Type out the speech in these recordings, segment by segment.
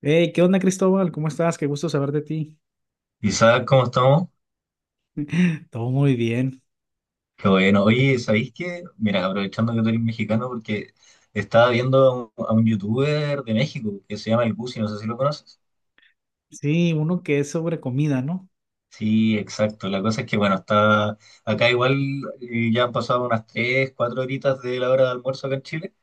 Hey, ¿qué onda, Cristóbal? ¿Cómo estás? Qué gusto saber de ti. ¿Y sabes cómo estamos? Todo muy bien. Qué bueno. Oye, ¿sabéis qué? Mira, aprovechando que tú eres mexicano, porque estaba viendo a un youtuber de México que se llama El Busi, no sé si lo conoces. Sí, uno que es sobre comida, ¿no? Sí, exacto. La cosa es que, bueno, está acá igual, ya han pasado unas 3 4 horitas de la hora de almuerzo acá en Chile.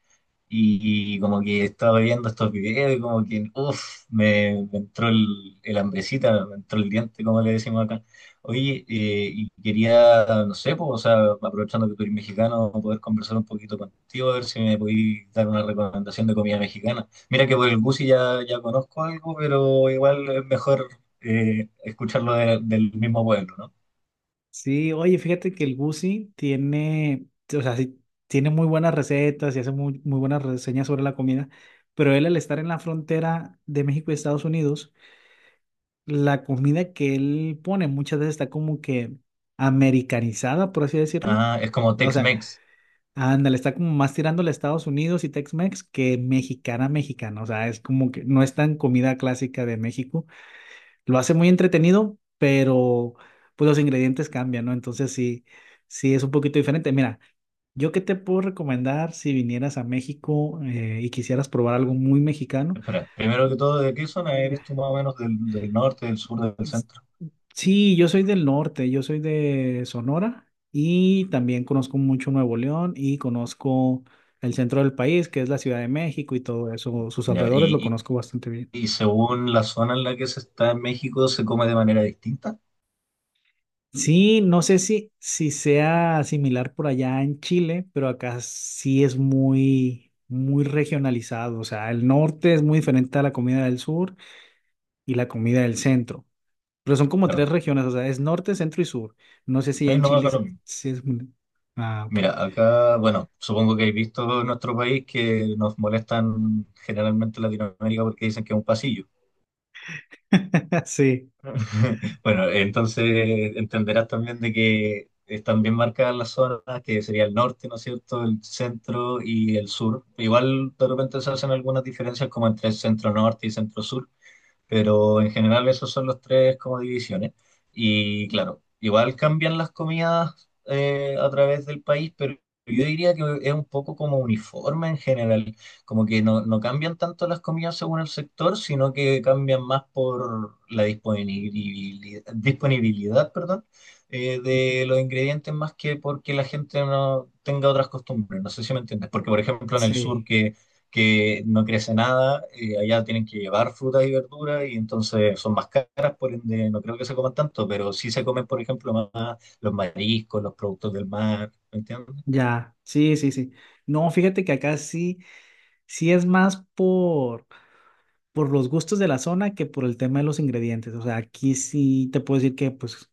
Y como que estaba viendo estos videos y como que, uff, me entró el hambrecita, me entró el diente, como le decimos acá. Oye, y quería, no sé, pues, o sea, aprovechando que tú eres mexicano, poder conversar un poquito contigo, a ver si me podéis dar una recomendación de comida mexicana. Mira que por el Gusi ya, ya conozco algo, pero igual es mejor, escucharlo del mismo pueblo, ¿no? Sí, oye, fíjate que el Gusi tiene, o sea, sí, tiene muy buenas recetas y hace muy buenas reseñas sobre la comida, pero él al estar en la frontera de México y Estados Unidos, la comida que él pone muchas veces está como que americanizada, por así decirlo. Ah, es como O sea, Tex-Mex. ándale, está como más tirándole a Estados Unidos y Tex-Mex que mexicana mexicana. O sea, es como que no es tan comida clásica de México. Lo hace muy entretenido, pero pues los ingredientes cambian, ¿no? Entonces sí, es un poquito diferente. Mira, yo qué te puedo recomendar si vinieras a México y quisieras probar algo muy mexicano. Espera, primero que todo, ¿de qué zona eres tú más o menos del norte, del sur, del centro? Sí, yo soy del norte, yo soy de Sonora y también conozco mucho Nuevo León y conozco el centro del país, que es la Ciudad de México y todo eso, sus Ya, alrededores lo y, conozco bastante bien. y, y según la zona en la que se está en México, ¿se come de manera distinta? Sí, no sé si sea similar por allá en Chile, pero acá sí es muy regionalizado. O sea, el norte es muy diferente a la comida del sur y la comida del centro. Pero son como Claro. tres regiones, o sea, es norte, centro y sur. No sé si ya Sí, en no, Chile acá lo es... mismo. si es- Ah, ok. Mira, acá, bueno, supongo que habéis visto en nuestro país que nos molestan generalmente en Latinoamérica porque dicen que es un pasillo. Sí, Bueno, entonces entenderás también de que están bien marcadas las zonas, que sería el norte, ¿no es cierto?, el centro y el sur. Igual de repente se hacen algunas diferencias como entre centro-norte y centro-sur, pero en general esos son los tres como divisiones. Y claro, igual cambian las comidas, a través del país, pero yo diría que es un poco como uniforme en general, como que no cambian tanto las comidas según el sector, sino que cambian más por la disponibilidad, disponibilidad, perdón, de los ingredientes más que porque la gente no tenga otras costumbres. No sé si me entiendes, porque por ejemplo en el sí, sur que no crece nada, allá tienen que llevar frutas y verduras y entonces son más caras, por ende no creo que se coman tanto, pero sí se comen, por ejemplo, más los mariscos, los productos del mar, ¿me entiendes? ya, sí, sí, sí. No, fíjate que acá sí es más por los gustos de la zona que por el tema de los ingredientes. O sea, aquí sí te puedo decir que, pues,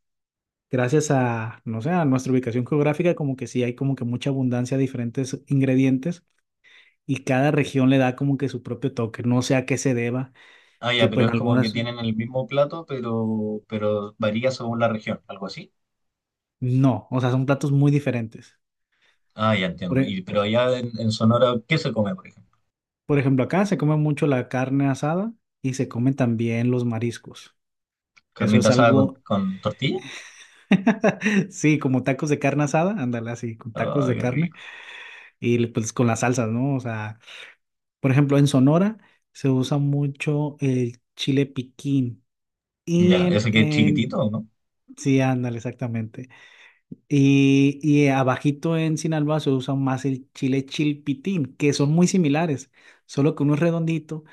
gracias a, no sé, a nuestra ubicación geográfica, como que sí hay como que mucha abundancia de diferentes ingredientes y cada región le da como que su propio toque. No sé a qué se deba, Ah, que ya, pues pero en es como que algunas, tienen el mismo plato, pero varía según la región, algo así. no, o sea, son platos muy diferentes. Ah, ya entiendo. Y, pero allá en Sonora, ¿qué se come, por ejemplo? Por ejemplo, acá se come mucho la carne asada y se comen también los mariscos. Eso ¿Carnita es asada con, algo, con tortilla? sí, como tacos de carne asada, ándale así, con tacos Ah, de qué carne rico. y pues con las salsas, ¿no? O sea, por ejemplo, en Sonora se usa mucho el chile piquín y Ya, en, ese que es en, chiquitito, ¿no? sí, ándale, exactamente. Y abajito en Sinaloa se usa más el chile chilpitín, que son muy similares, solo que uno es redondito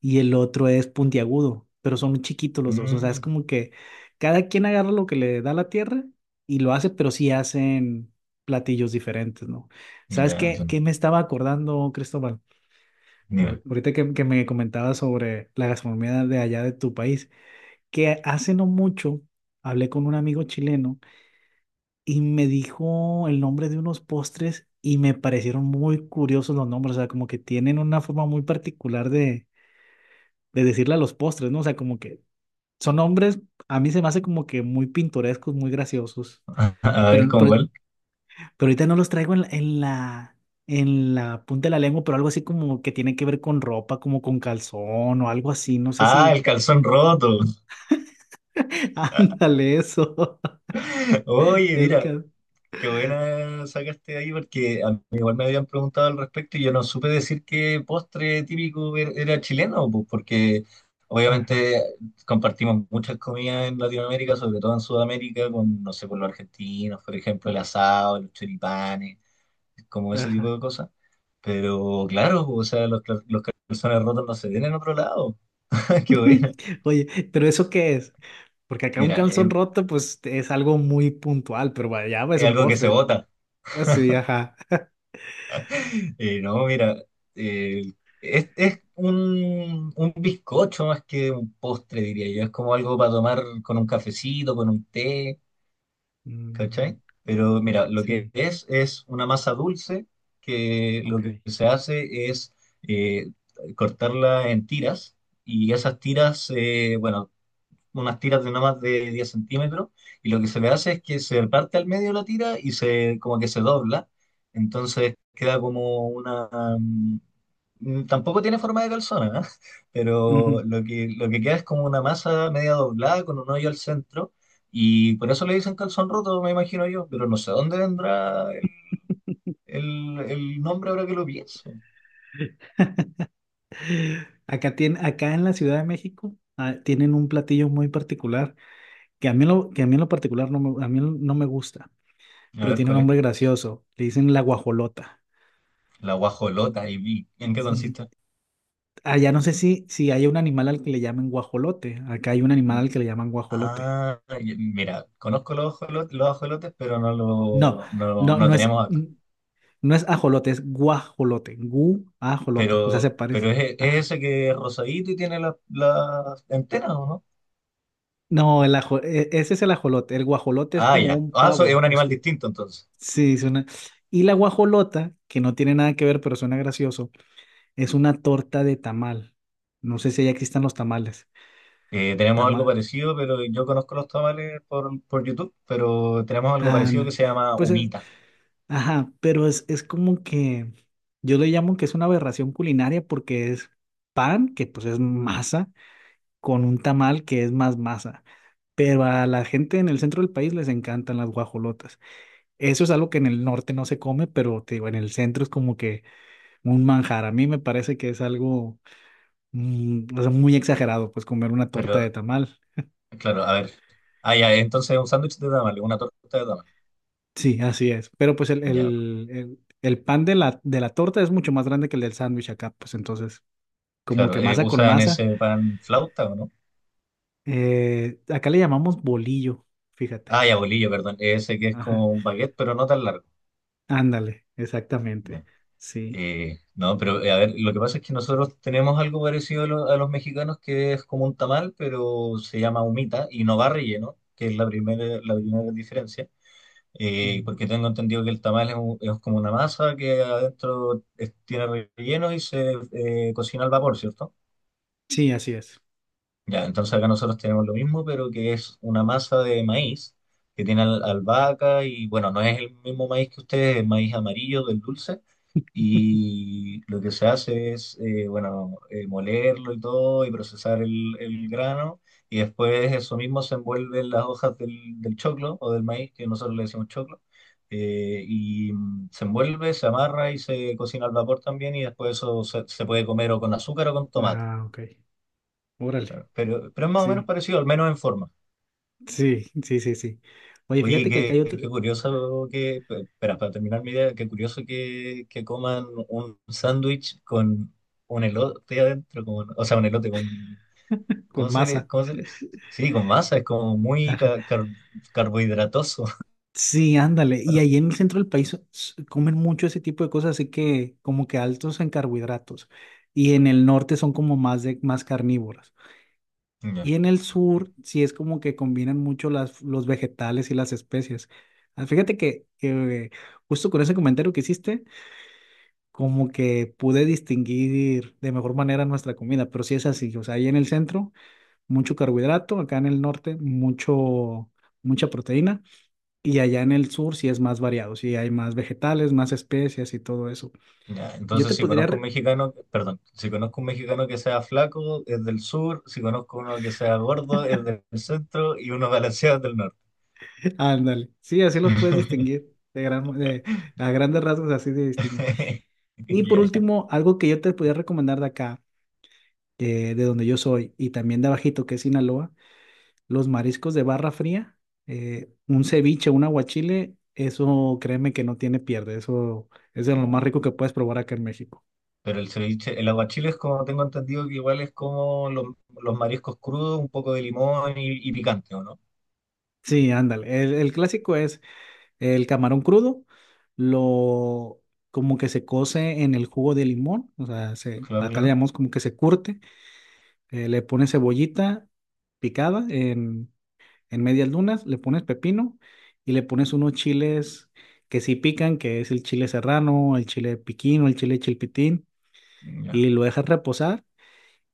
y el otro es puntiagudo, pero son muy chiquitos los dos. O sea, es Mm, como que cada quien agarra lo que le da la tierra y lo hace, pero sí hacen platillos diferentes, ¿no? ¿Sabes ya qué, entiendo. qué me estaba acordando, Cristóbal? Mira, Ahorita que me comentabas sobre la gastronomía de allá de tu país, que hace no mucho hablé con un amigo chileno y me dijo el nombre de unos postres y me parecieron muy curiosos los nombres, o sea, como que tienen una forma muy particular de decirle a los postres, ¿no? O sea, como que son nombres, a mí se me hace como que muy pintorescos, muy graciosos, a ver pero, cómo pero, cuál. pero ahorita no los traigo en la punta de la lengua, pero algo así como que tiene que ver con ropa, como con calzón o algo así, no sé Ah, si, el calzón roto. ándale eso, Oye, el mira, cal... qué buena sacaste ahí porque a mí igual me habían preguntado al respecto y yo no supe decir qué postre típico era chileno, pues, porque Ajá, obviamente compartimos muchas comidas en Latinoamérica, sobre todo en Sudamérica, con, no sé, con los argentinos, por ejemplo, el asado, los choripanes, como ese tipo ajá. de cosas. Pero claro, o sea, los calzones rotos no se ven en otro lado. Qué bueno. Oye, ¿pero eso qué es? Porque acá un Mira, es, calzón roto, pues es algo muy puntual, pero allá es es un algo que se postre. vota. Así, ajá. No, mira, eh, es un bizcocho más que un postre, diría yo. Es como algo para tomar con un cafecito, con un té, Mm, ¿cachai? Pero mira, lo que sí, es una masa dulce que lo ok. que se hace es, eh, cortarla en tiras y esas tiras, bueno, unas tiras de no más de 10 centímetros, y lo que se le hace es que se parte al medio la tira y se como que se dobla, entonces queda como una, mm, tampoco tiene forma de calzona, ¿eh? Pero Ujú. Lo que queda es como una masa media doblada con un hoyo al centro, y por eso le dicen calzón roto, me imagino yo, pero no sé dónde vendrá el, el nombre ahora que lo pienso. Acá, tiene, acá en la Ciudad de México tienen un platillo muy particular que a mí, lo, que a mí en lo particular no me, a mí no me gusta, A pero ver tiene un cuál nombre es. gracioso. Le dicen la guajolota. La guajolota y vi. ¿En qué Sí. consiste? Allá no sé si hay un animal al que le llamen guajolote. Acá hay un animal al que le llaman guajolote. Ah, y mira, conozco los ajolotes, pero no No, lo no, lo no, no no es. tenemos acá. No es ajolote, es guajolote. Guajolote, o sea, se Pero, parece. pero es Ajá. ese que es rosadito y tiene las antenas, ¿o no? No, el ajo, ese es el ajolote. El guajolote es Ah, como ya. un Ah, es pavo. un Es animal que, distinto entonces. sí, suena. Y la guajolota, que no tiene nada que ver, pero suena gracioso, es una torta de tamal. No sé si ya existan los tamales. Tenemos algo Tamal. parecido, pero yo conozco los tamales por YouTube, pero tenemos algo Ah, parecido no. que se llama Pues es, humita. ajá, pero es como que yo le llamo que es una aberración culinaria porque es pan, que pues es masa con un tamal que es más masa. Pero a la gente en el centro del país les encantan las guajolotas. Eso es algo que en el norte no se come, pero te digo, en el centro es como que un manjar. A mí me parece que es algo o sea, muy exagerado, pues comer una torta de Pero, tamal. claro, a ver. Ah, ya, entonces es un sándwich de tamales, una torta de tamales. Sí, así es. Pero pues el, Ya, el, el, el pan de la torta es mucho más grande que el del sándwich acá, pues entonces, como claro. que masa con ¿Usan masa. ese pan flauta o no? Acá le llamamos bolillo, fíjate. Ah, ya, bolillo, perdón. Ese que es Ajá. como un baguette, pero no tan largo. Ándale, exactamente. Ya. Sí. No, pero, a ver, lo que pasa es que nosotros tenemos algo parecido a los mexicanos, que es como un tamal, pero se llama humita y no va relleno, que es la primera diferencia. Ujú. Porque tengo entendido que el tamal es como una masa que adentro tiene relleno y se, cocina al vapor, ¿cierto? Sí, así es. Ya, entonces acá nosotros tenemos lo mismo, pero que es una masa de maíz que tiene albahaca y bueno, no es el mismo maíz que ustedes, es maíz amarillo del dulce. Y lo que se hace es, bueno, molerlo y todo y procesar el grano. Y después eso mismo se envuelve en las hojas del choclo o del maíz, que nosotros le decimos choclo. Y, se envuelve, se amarra y se cocina al vapor también. Y después eso se puede comer o con azúcar o con tomate. Ah, ok. Órale. Pero es más o menos Sí, parecido, al menos en forma. sí, sí, sí, sí. Oye, Oye, fíjate que acá qué, hay otro qué curioso que, espera, para terminar mi idea, qué curioso que coman un sándwich con un elote adentro, con, o sea, un elote con, con ¿cómo se le, masa. cómo se les? Sí, con masa, es como muy carbohidratoso. Sí, ándale. Y ahí en el centro del país comen mucho ese tipo de cosas, así que como que altos en carbohidratos. Y en el norte son como más de más carnívoras. Y Ya. en el sur sí es como que combinan mucho las, los vegetales y las especias. Ah, fíjate que, justo con ese comentario que hiciste, como que pude distinguir de mejor manera nuestra comida, pero sí es así, o sea, ahí en el centro mucho carbohidrato, acá en el norte mucho mucha proteína y allá en el sur sí es más variado, sí hay más vegetales, más especias y todo eso. Ya, Yo entonces te si podría conozco un re- mexicano, perdón, si conozco un mexicano que sea flaco, es del sur, si conozco uno que sea gordo, es del centro y uno balanceado es del norte. ándale, sí, así los puedes distinguir. A grandes rasgos así de distinguir. Y por Ya, ya. último, algo que yo te podría recomendar de acá, de donde yo soy, y también de abajito, que es Sinaloa, los mariscos de barra fría, un ceviche, un aguachile, eso créeme que no tiene pierde, eso es de lo más rico que puedes probar acá en México. Pero el ceviche, el aguachile es como tengo entendido que igual es como los mariscos crudos, un poco de limón y picante, ¿o no? Sí, ándale, el clásico es el camarón crudo, lo como que se cose en el jugo de limón, o sea, se, Claro, acá le claro. llamamos como que se curte, le pones cebollita picada en medias lunas, le pones pepino y le pones unos chiles que sí pican, que es el chile serrano, el chile piquín o el chile chilpitín. Ya. Y lo dejas reposar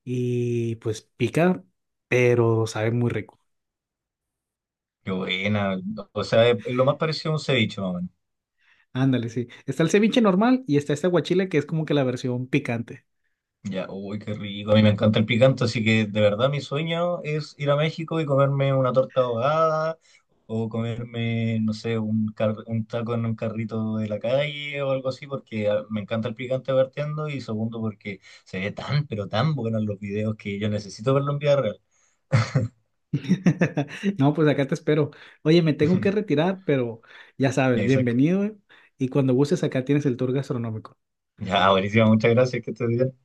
y pues pica, pero sabe muy rico. Qué buena. O sea, es lo más parecido a un ceviche, más o menos. Ándale, sí. Está el ceviche normal y está este aguachile que es como que la versión picante. Ya, uy, qué rico. A mí me encanta el picante, así que de verdad mi sueño es ir a México y comerme una torta ahogada o comerme, no sé, un taco en un carrito de la calle o algo así, porque ah, me encanta el picante partiendo y segundo porque se ve tan, pero tan bueno en los videos que yo necesito verlo en vida real. No, pues acá te espero. Oye, me tengo que retirar, pero ya Ya, sabes, Isaac. bienvenido, ¿eh? Y cuando gustes acá tienes el tour gastronómico. Ya, buenísimo. Muchas gracias. Que estés bien.